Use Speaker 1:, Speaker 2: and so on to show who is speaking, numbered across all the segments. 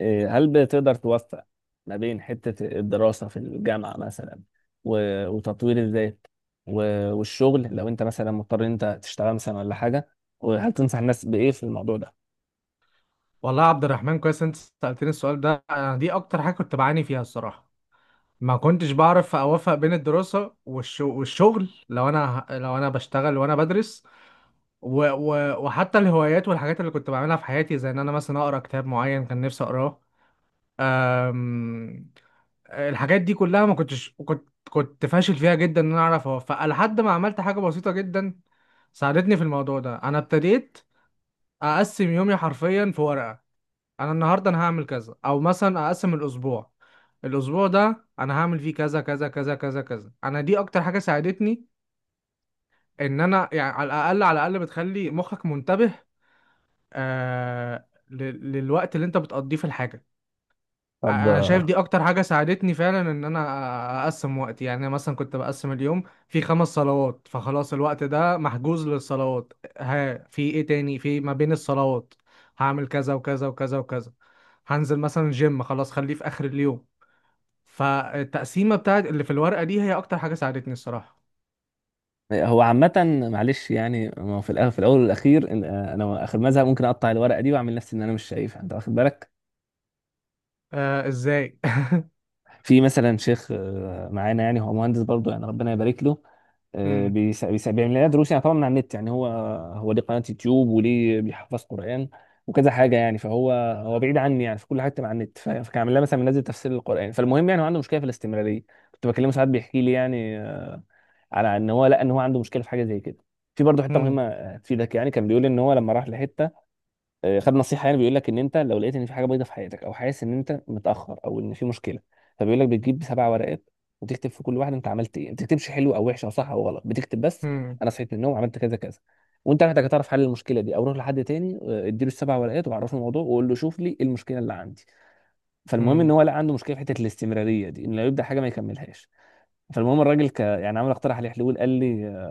Speaker 1: إيه، هل بتقدر توفق ما بين حتة الدراسة في الجامعة مثلا و- وتطوير الذات و- والشغل لو انت مثلا مضطر إن انت تشتغل مثلا ولا حاجة، وهل تنصح الناس بإيه في الموضوع ده؟
Speaker 2: والله يا عبد الرحمن، كويس انت سألتني السؤال ده. انا دي اكتر حاجة كنت بعاني فيها الصراحة. ما كنتش بعرف اوفق بين الدراسة والشغل لو انا بشتغل وانا بدرس. و... و... وحتى الهوايات والحاجات اللي كنت بعملها في حياتي، زي ان انا مثلا اقرا كتاب معين كان نفسي اقراه. أم... الحاجات دي كلها ما كنتش كنت فاشل فيها جدا ان انا اعرف اوفقها، لحد ما عملت حاجة بسيطة جدا ساعدتني في الموضوع ده. انا ابتديت اقسم يومي حرفيا في ورقة. انا النهارده انا هعمل كذا، او مثلا اقسم الاسبوع. الاسبوع ده انا هعمل فيه كذا كذا كذا كذا كذا. انا دي اكتر حاجه ساعدتني، ان انا يعني على الاقل على الاقل بتخلي مخك منتبه، للوقت اللي انت بتقضيه في الحاجه.
Speaker 1: طب
Speaker 2: انا شايف دي اكتر حاجه ساعدتني فعلا، ان انا اقسم وقتي. يعني انا مثلا كنت بقسم اليوم في خمس صلوات، فخلاص الوقت ده محجوز للصلوات. في ايه تاني في ما بين الصلوات؟ هعمل كذا وكذا وكذا وكذا. هنزل مثلا جيم، خلاص خليه في اخر اليوم. فالتقسيمه بتاعت اللي في الورقه دي هي اكتر حاجه ساعدتني الصراحه.
Speaker 1: هو عامة، معلش يعني ما هو في الأول والأخير، أنا آخر مزهق ممكن أقطع الورقة دي وأعمل نفسي إن أنا مش شايفها. أنت واخد بالك؟
Speaker 2: آه، ازاي؟
Speaker 1: في مثلا شيخ معانا، يعني هو مهندس برضه، يعني ربنا يبارك له.
Speaker 2: هم،
Speaker 1: بيعمل لنا دروس يعني، طبعا من على النت. يعني هو، هو ليه قناة يوتيوب وليه بيحفظ قرآن وكذا حاجة، يعني فهو، هو بعيد عني يعني في كل حتة مع النت، فكان عامل لها مثلا منزل تفسير القرآن. فالمهم يعني هو عنده مشكلة في الاستمرارية. كنت بكلمه ساعات بيحكي لي يعني، على ان هو، لا ان هو عنده مشكلة في حاجة زي كده. في برضه حتة مهمة
Speaker 2: هم،
Speaker 1: تفيدك، يعني كان بيقول ان هو لما راح لحتة. خد نصيحه، يعني بيقول لك ان انت لو لقيت ان في حاجه بيضه في حياتك او حاسس ان انت متاخر او ان في مشكله، فبيقول لك بتجيب سبع ورقات وتكتب في كل واحده انت عملت ايه. ما بتكتبش حلو او وحش او صح او غلط، بتكتب بس
Speaker 2: هم،
Speaker 1: انا صحيت من النوم عملت كذا كذا. وانت محتاج تعرف حل المشكله دي او روح لحد تاني، اديله السبع ورقات وعرفه الموضوع وقول له شوف لي إيه المشكله اللي عندي. فالمهم ان
Speaker 2: هم،
Speaker 1: هو لقى عنده مشكله في حته الاستمراريه دي، ان لو يبدا حاجه ما يكملهاش. فالمهم الراجل يعني عمل، اقترح عليه حلول. قال لي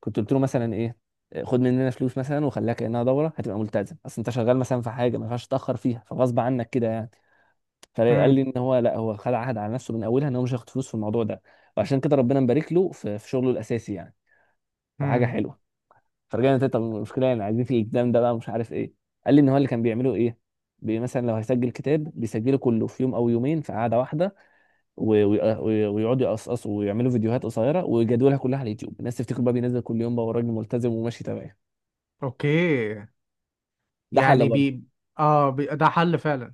Speaker 1: كنت قلت له مثلا ايه، خد مننا فلوس مثلا وخليها كانها دوره هتبقى ملتزم، اصل انت شغال مثلا في حاجه ما ينفعش تتاخر فيها فغصب عنك كده يعني. فقال
Speaker 2: هم،
Speaker 1: لي ان هو لا، هو خد عهد على نفسه من اولها ان هو مش هياخد فلوس في الموضوع ده. وعشان كده ربنا مبارك له في شغله الاساسي يعني، فحاجه
Speaker 2: هم.
Speaker 1: حلوه. فرجعنا تاني، طب المشكله يعني عايزين في الالتزام ده بقى مش عارف ايه. قال لي ان هو اللي كان بيعمله ايه، مثلا لو هيسجل كتاب بيسجله كله في يوم او يومين في قعده واحده، و- و- و- ويقعدوا يقصقصوا ويعملوا فيديوهات قصيره ويجدولها كلها على اليوتيوب، الناس تفتكر بقى بينزل كل يوم بقى والراجل ملتزم وماشي تمام.
Speaker 2: اوكي.
Speaker 1: ده حل
Speaker 2: يعني
Speaker 1: برضه.
Speaker 2: ده حل فعلا.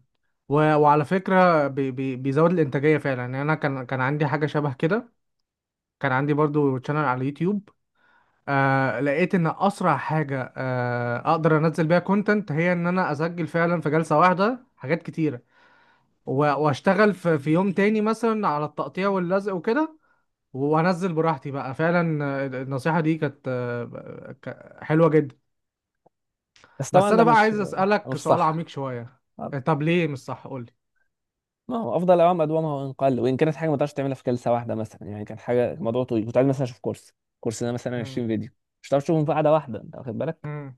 Speaker 2: وعلى فكرة بيزود الإنتاجية فعلا. يعني أنا كان عندي حاجة شبه كده. كان عندي برضو شانل على اليوتيوب. لقيت إن أسرع حاجة أقدر أنزل بيها كونتنت، هي إن أنا أسجل فعلا في جلسة واحدة حاجات كتيرة وأشتغل في يوم تاني مثلا على التقطيع واللزق وكده، وأنزل براحتي بقى فعلا. النصيحة دي كانت حلوة جدا.
Speaker 1: بس طبعا
Speaker 2: بس
Speaker 1: ده
Speaker 2: أنا بقى
Speaker 1: مش،
Speaker 2: عايز
Speaker 1: مش
Speaker 2: أسألك سؤال عميق
Speaker 1: صح.
Speaker 2: شوية. طب ليه مش صح؟ قولي.
Speaker 1: ما هو افضل اوام ادومها وان قل، وان كانت حاجه ما تقدرش تعملها في جلسه واحده. مثلا يعني كان حاجه موضوع طويل، كنت عايز مثلا اشوف كورس، كورس ده مثلا
Speaker 2: مم.
Speaker 1: 20 فيديو، مش هتعرف تشوفهم في قعده واحده، انت واخد بالك.
Speaker 2: مم.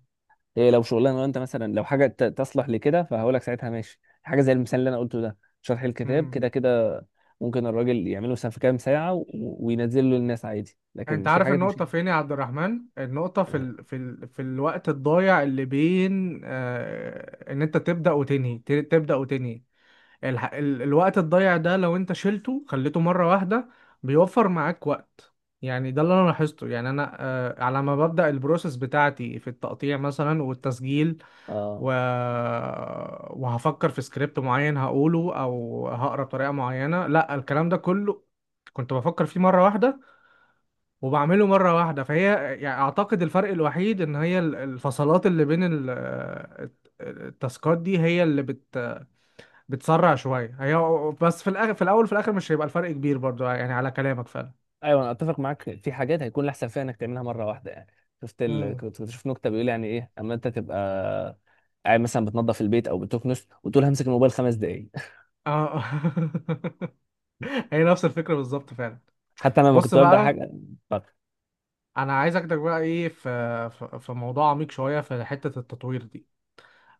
Speaker 1: هي لو شغلانه انت مثلا، لو حاجه تصلح لكده، فهقول لك ساعتها ماشي، حاجه زي المثال اللي انا قلته ده، شرح الكتاب
Speaker 2: مم.
Speaker 1: كده كده ممكن الراجل يعمله مثلا في كام ساعه وينزله للناس عادي.
Speaker 2: انت
Speaker 1: لكن في
Speaker 2: عارف
Speaker 1: حاجات مش،
Speaker 2: النقطة فين يا عبد الرحمن؟ النقطة في الوقت الضايع اللي بين ان انت تبدأ وتنهي، تبدأ وتنهي. الوقت الضايع ده لو انت شلته خليته مرة واحدة بيوفر معاك وقت. يعني ده اللي انا لاحظته. يعني انا على ما ببدأ البروسيس بتاعتي في التقطيع مثلا والتسجيل،
Speaker 1: اه.
Speaker 2: و... وهفكر في سكريبت معين هقوله، او هقرا بطريقه معينه، لا الكلام ده كله كنت بفكر فيه مره واحده وبعمله مره واحده. فهي يعني اعتقد الفرق الوحيد ان هي الفصلات اللي بين التاسكات دي هي اللي بتسرع شويه هي. بس في الاخر، في الاول في الاخر، مش هيبقى الفرق كبير برضو يعني على كلامك فعلا.
Speaker 1: ايوه، انا اتفق معاك في حاجات هيكون الاحسن فيها انك تعملها مره واحده يعني.
Speaker 2: امم،
Speaker 1: كنت بشوف نكته بيقول يعني ايه اما انت تبقى قاعد مثلا بتنظف البيت او بتكنس وتقول همسك الموبايل خمس دقائق.
Speaker 2: اه. هي نفس الفكره بالظبط فعلا.
Speaker 1: حتى انا لما
Speaker 2: بص
Speaker 1: كنت ببدا
Speaker 2: بقى،
Speaker 1: حاجه. طب
Speaker 2: انا عايز اخدك بقى ايه، في موضوع عميق شويه في حته التطوير دي.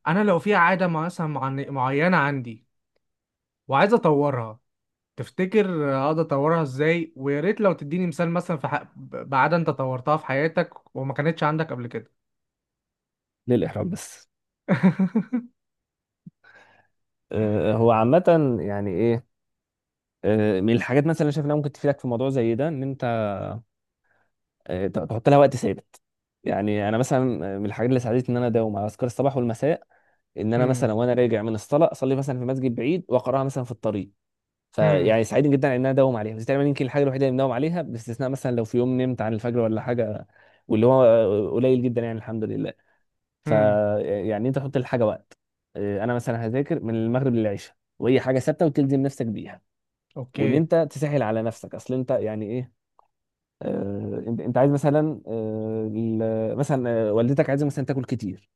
Speaker 2: انا لو في عاده مثلا معينه عندي وعايز اطورها، تفتكر اقدر اطورها ازاي؟ ويا ريت لو تديني مثال مثلا بعاده انت طورتها في حياتك وما كانتش عندك قبل كده.
Speaker 1: ليه الاحراج بس. هو عامه يعني ايه، من الحاجات مثلا اللي شايف انها ممكن تفيدك في موضوع زي ده ان انت تحط لها وقت ثابت. يعني انا مثلا، من الحاجات اللي ساعدتني ان انا اداوم على اذكار الصباح والمساء، ان انا مثلا
Speaker 2: هم،
Speaker 1: وانا راجع من الصلاه اصلي مثلا في مسجد بعيد واقراها مثلا في الطريق،
Speaker 2: هم،
Speaker 1: فيعني سعيد جدا ان انا اداوم عليها. بس تقريبا يمكن الحاجه الوحيده اللي بنداوم عليها، باستثناء مثلا لو في يوم نمت عن الفجر ولا حاجه، واللي هو قليل جدا يعني الحمد لله. ف
Speaker 2: هم.
Speaker 1: يعني انت حط للحاجه وقت. اه، انا مثلا هذاكر من المغرب للعشاء، وهي حاجه ثابته وتلزم نفسك بيها. وان
Speaker 2: اوكي.
Speaker 1: انت تسهل على نفسك، اصل انت يعني ايه، انت، عايز مثلا، مثلا والدتك عايزه مثلا تاكل كتير،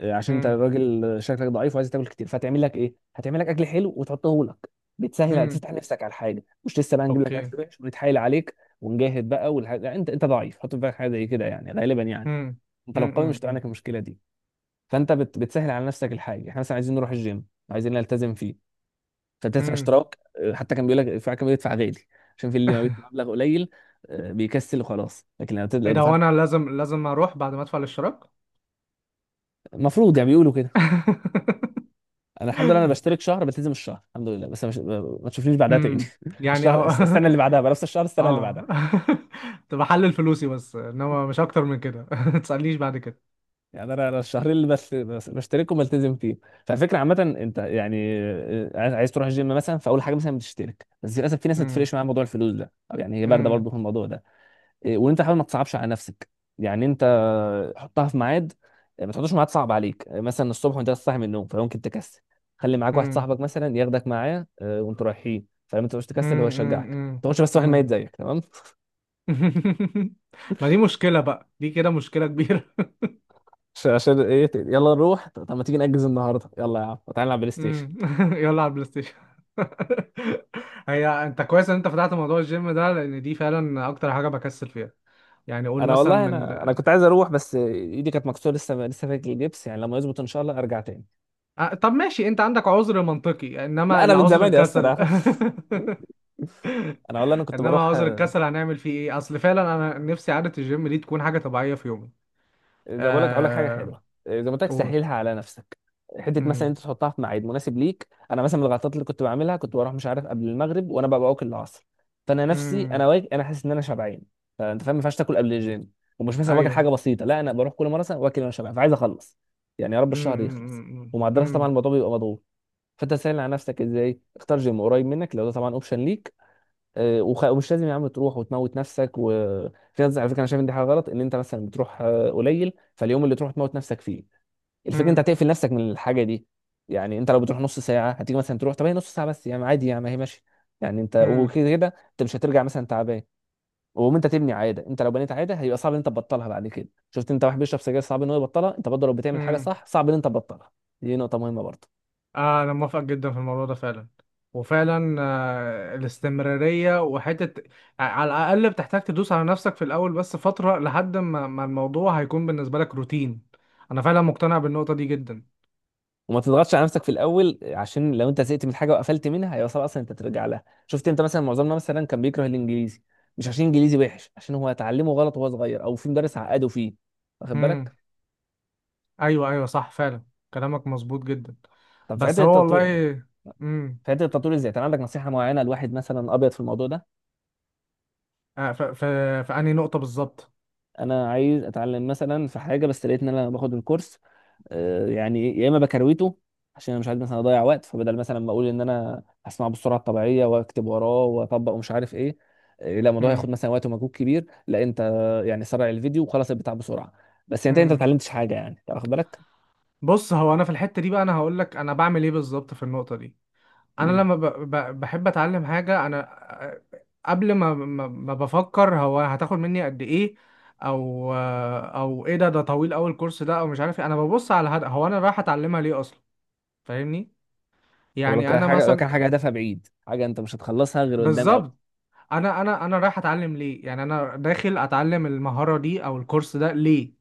Speaker 1: عشان انت
Speaker 2: هم،
Speaker 1: راجل شكلك ضعيف وعايز تاكل كتير، فهتعمل لك ايه، هتعمل لك اكل حلو وتحطه لك. بتسهل
Speaker 2: هم.
Speaker 1: تفتح نفسك على الحاجه، مش لسه بقى نجيب لك
Speaker 2: اوكي.
Speaker 1: اكل وحش ونتحايل عليك ونجاهد بقى والحاجة. لا، انت، انت ضعيف حط في بالك حاجه زي كده يعني غالبا يعني،
Speaker 2: هم،
Speaker 1: انت لو
Speaker 2: هم،
Speaker 1: قوي
Speaker 2: هم،
Speaker 1: مش هتبقى
Speaker 2: هم.
Speaker 1: عندك المشكله دي. فانت بتسهل على نفسك الحاجه. احنا مثلا عايزين نروح الجيم، عايزين نلتزم فيه، فبتدفع
Speaker 2: هم.
Speaker 1: اشتراك. اه، حتى كان بيقول لك، في كان بيدفع غالي عشان في اللي ما بيدفع مبلغ قليل اه، بيكسل وخلاص. لكن لو تد-
Speaker 2: ايه
Speaker 1: لو
Speaker 2: ده، هو
Speaker 1: دفعت
Speaker 2: انا لازم لازم اروح بعد ما ادفع الاشتراك؟
Speaker 1: المفروض يعني بيقولوا كده. انا الحمد لله انا بشترك شهر بلتزم الشهر الحمد لله، بس مش... ما تشوفنيش بعدها تاني.
Speaker 2: امم. يعني
Speaker 1: الشهر
Speaker 2: اه.
Speaker 1: السنه اللي بعدها بقى نفس الشهر السنه اللي بعدها.
Speaker 2: اه. تبقى حل الفلوسي بس، انما مش اكتر من كده. ما تسألنيش بعد كده.
Speaker 1: يعني انا، انا الشهرين اللي بشتركهم بلتزم فيهم. فالفكره عامه، انت يعني عايز تروح الجيم مثلا، فاول حاجه مثلا بتشترك، بس للاسف في ناس ما
Speaker 2: امم.
Speaker 1: بتفرقش معاها موضوع الفلوس ده، أو يعني هي بارده
Speaker 2: امم.
Speaker 1: برضه في الموضوع ده. إيه، وان انت حاول ما تصعبش على نفسك. يعني انت حطها في ميعاد. إيه، ما تحطوش ميعاد صعب عليك. إيه، مثلا الصبح وانت لسه صاحي من النوم فممكن تكسل. خلي معاك واحد
Speaker 2: امم.
Speaker 1: صاحبك مثلا ياخدك معاه وانتوا رايحين، فلما تبقاش تكسل هو
Speaker 2: امم.
Speaker 1: يشجعك. ما
Speaker 2: امم.
Speaker 1: تقعدش بس واحد ميت زيك تمام.
Speaker 2: امم. ما دي مشكلة بقى، دي كده مشكلة كبيرة.
Speaker 1: عشان ايه، يلا نروح، طب ما تيجي نأجز النهارده، يلا يا عم تعالى نلعب بلاي ستيشن.
Speaker 2: امم. يلا على البلاي ستيشن. هي انت كويس ان انت فتحت موضوع الجيم ده، لان دي فعلا اكتر حاجة بكسل فيها. يعني قول
Speaker 1: انا
Speaker 2: مثلا
Speaker 1: والله
Speaker 2: من
Speaker 1: انا، كنت عايز اروح بس ايدي كانت مكسوره، لسه لسه فيها الجبس، يعني لما يظبط ان شاء الله ارجع تاني.
Speaker 2: آه، طب ماشي، انت عندك عذر منطقي،
Speaker 1: لا
Speaker 2: انما
Speaker 1: انا من
Speaker 2: العذر
Speaker 1: زمان يا اسطى
Speaker 2: الكسل.
Speaker 1: انا. انا والله انا كنت
Speaker 2: انما
Speaker 1: بروح
Speaker 2: عذر الكسل هنعمل فيه ايه؟ اصل فعلا انا نفسي عادة الجيم دي تكون حاجة طبيعية في يومي.
Speaker 1: زي ما بقول لك. هقول لك حاجه
Speaker 2: آه،
Speaker 1: حلوه، زي ما قلت لك
Speaker 2: قول.
Speaker 1: سهلها على نفسك. حته مثلا انت
Speaker 2: امم.
Speaker 1: تحطها في ميعاد مناسب ليك. انا مثلا من الغلطات اللي كنت بعملها كنت بروح، مش عارف، قبل المغرب وانا ببقى واكل العصر، فانا نفسي،
Speaker 2: امم.
Speaker 1: انا واجي انا حاسس ان انا شبعان. فانت فاهم، ما ينفعش تاكل قبل الجيم. ومش مثلا واكل حاجه
Speaker 2: ايوه.
Speaker 1: بسيطه، لا انا بروح كل مره مثلا واكل وانا شبعان، فعايز اخلص. يعني يا رب
Speaker 2: امم.
Speaker 1: الشهر يخلص.
Speaker 2: امم.
Speaker 1: ومع الدراسه طبعا
Speaker 2: امم.
Speaker 1: الموضوع بيبقى مضغوط. فانت سهل على نفسك ازاي، اختار جيم قريب منك لو ده طبعا اوبشن ليك. ومش لازم يا عم تروح وتموت نفسك. وفي ناس، على فكره، انا شايف ان دي حاجه غلط، ان انت مثلا بتروح قليل فاليوم اللي تروح تموت نفسك فيه. الفكره انت هتقفل نفسك من الحاجه دي. يعني انت لو بتروح نص ساعه، هتيجي مثلا تروح، طب هي نص ساعه بس يعني عادي يعني ما هي ماشي. يعني انت
Speaker 2: امم.
Speaker 1: وكده كده انت مش هترجع مثلا تعبان. ومهم انت تبني عاده، انت لو بنيت عاده هيبقى صعب ان انت تبطلها بعد كده. شفت انت واحد بيشرب سجاير صعب ان هو يبطلها، انت برضه لو بتعمل حاجه
Speaker 2: امم.
Speaker 1: صح صعب ان انت تبطلها. دي نقطه مهمه برضه.
Speaker 2: آه، انا موافق جدا في الموضوع ده فعلا. وفعلا الاستمرارية وحتة، على الاقل بتحتاج تدوس على نفسك في الاول بس فترة لحد ما الموضوع هيكون بالنسبة لك روتين. انا فعلا مقتنع بالنقطة دي جدا.
Speaker 1: وما تضغطش على نفسك في الاول، عشان لو انت زهقت من حاجه وقفلت منها هيبقى صعب اصلا انت ترجع لها. شفت انت مثلا معظمنا مثلا كان بيكره الانجليزي، مش عشان انجليزي وحش، عشان هو اتعلمه غلط وهو صغير او في مدرس عقده فيه. واخد بالك؟
Speaker 2: ايوه، ايوه، صح فعلا، كلامك مظبوط جدا.
Speaker 1: طب في حته
Speaker 2: بس هو
Speaker 1: التطوير،
Speaker 2: والله. امم.
Speaker 1: في حته التطوير ازاي، كان عندك نصيحه معينه لواحد مثلا ابيض في الموضوع ده؟
Speaker 2: في في انهي نقطه بالظبط؟
Speaker 1: انا عايز اتعلم مثلا في حاجه، بس لقيت ان انا باخد الكورس، يعني يا اما بكرويته عشان انا مش عايز مثلا اضيع وقت، فبدل مثلا ما اقول ان انا هسمعه بالسرعه الطبيعيه واكتب وراه واطبق ومش عارف ايه، لا الموضوع هياخد
Speaker 2: امم.
Speaker 1: مثلا وقت ومجهود كبير، لا انت يعني سرع الفيديو وخلص البتاع بسرعه، بس انت، انت ما
Speaker 2: امم.
Speaker 1: اتعلمتش حاجه، يعني انت واخد بالك.
Speaker 2: بص، هو انا في الحته دي بقى انا هقول لك انا بعمل ايه بالظبط في النقطه دي. انا
Speaker 1: مم.
Speaker 2: لما بحب اتعلم حاجه انا، آه، قبل ما بفكر هو هتاخد مني قد ايه، او ايه، ده طويل قوي الكورس ده، او مش عارف ايه، انا ببص على الهدف. هو انا رايح اتعلمها ليه اصلا؟ فاهمني.
Speaker 1: طب لو
Speaker 2: يعني
Speaker 1: كان
Speaker 2: انا
Speaker 1: حاجه، لو كان حاجه
Speaker 2: مثلا
Speaker 1: هدفها بعيد، حاجه انت مش هتخلصها غير قدام.
Speaker 2: بالظبط، انا رايح اتعلم ليه؟ يعني انا داخل اتعلم المهاره دي او الكورس ده ليه؟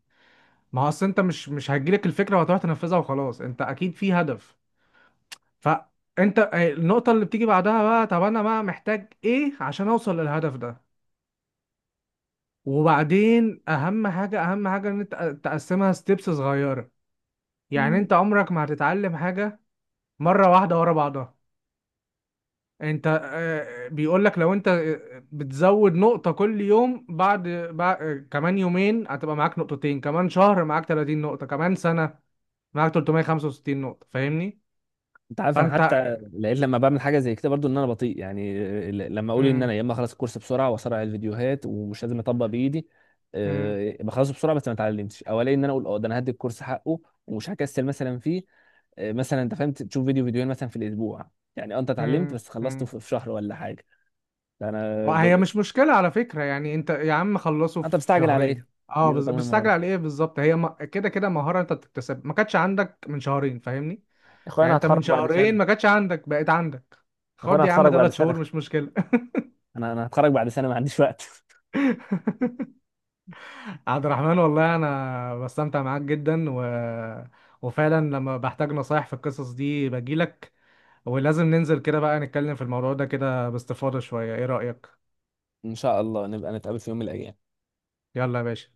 Speaker 2: ما هو اصل انت مش هتجيلك الفكره وهتروح تنفذها وخلاص، انت اكيد في هدف. فانت، النقطه اللي بتيجي بعدها بقى، طب انا بقى محتاج ايه عشان اوصل للهدف ده؟ وبعدين اهم حاجه اهم حاجه ان انت تقسمها ستيبس صغيره. يعني
Speaker 1: قوي.
Speaker 2: انت عمرك ما هتتعلم حاجه مره واحده ورا بعضها. انت، بيقول لك لو انت بتزود نقطة كل يوم، بعد كمان يومين هتبقى معاك نقطتين، كمان شهر معاك 30 نقطة، كمان سنة معاك 365 نقطة. فاهمني؟
Speaker 1: انت عارف، انا
Speaker 2: فانت،
Speaker 1: حتى لقيت لما بعمل حاجه زي كده برضو ان انا بطيء يعني. لما اقول ان انا
Speaker 2: مم،
Speaker 1: يا اما اخلص الكورس بسرعه واسرع الفيديوهات ومش لازم اطبق بايدي،
Speaker 2: مم،
Speaker 1: بخلصه بسرعه بس ما اتعلمتش، او الاقي ان انا اقول اه ده انا هدي الكورس حقه ومش هكسل مثلا فيه. مثلا انت فهمت تشوف فيديو فيديوهين مثلا في الاسبوع. يعني اه، انت اتعلمت،
Speaker 2: مم،
Speaker 1: بس خلصته
Speaker 2: مم.
Speaker 1: في شهر ولا حاجه. ده انا ب...
Speaker 2: وهي مش مشكلة على فكرة، يعني انت يا عم خلصه
Speaker 1: انت
Speaker 2: في
Speaker 1: بتستعجل على
Speaker 2: شهرين.
Speaker 1: ايه؟ دي
Speaker 2: اه،
Speaker 1: نقطه مهمه
Speaker 2: بتستعجل على
Speaker 1: برضه.
Speaker 2: ايه بالظبط؟ هي كده كده مهارة انت بتكتسب، ما كانتش عندك من شهرين فاهمني.
Speaker 1: يا اخويا
Speaker 2: يعني
Speaker 1: انا
Speaker 2: انت
Speaker 1: هتخرج
Speaker 2: من
Speaker 1: بعد سنه،
Speaker 2: شهرين ما كانتش عندك، بقت عندك.
Speaker 1: اخويا انا
Speaker 2: خد يا عم
Speaker 1: هتخرج بعد
Speaker 2: ثلاث
Speaker 1: سنه
Speaker 2: شهور مش مشكلة.
Speaker 1: انا هتخرج بعد سنه، ما عنديش وقت.
Speaker 2: عبد الرحمن، والله انا بستمتع معاك جدا، وفعلا لما بحتاج نصايح في القصص دي بجيلك. ولازم ننزل كده بقى نتكلم في الموضوع ده كده باستفاضة شوية، ايه رأيك؟
Speaker 1: ان شاء الله نبقى نتقابل في يوم من الايام.
Speaker 2: يلا يا باشا.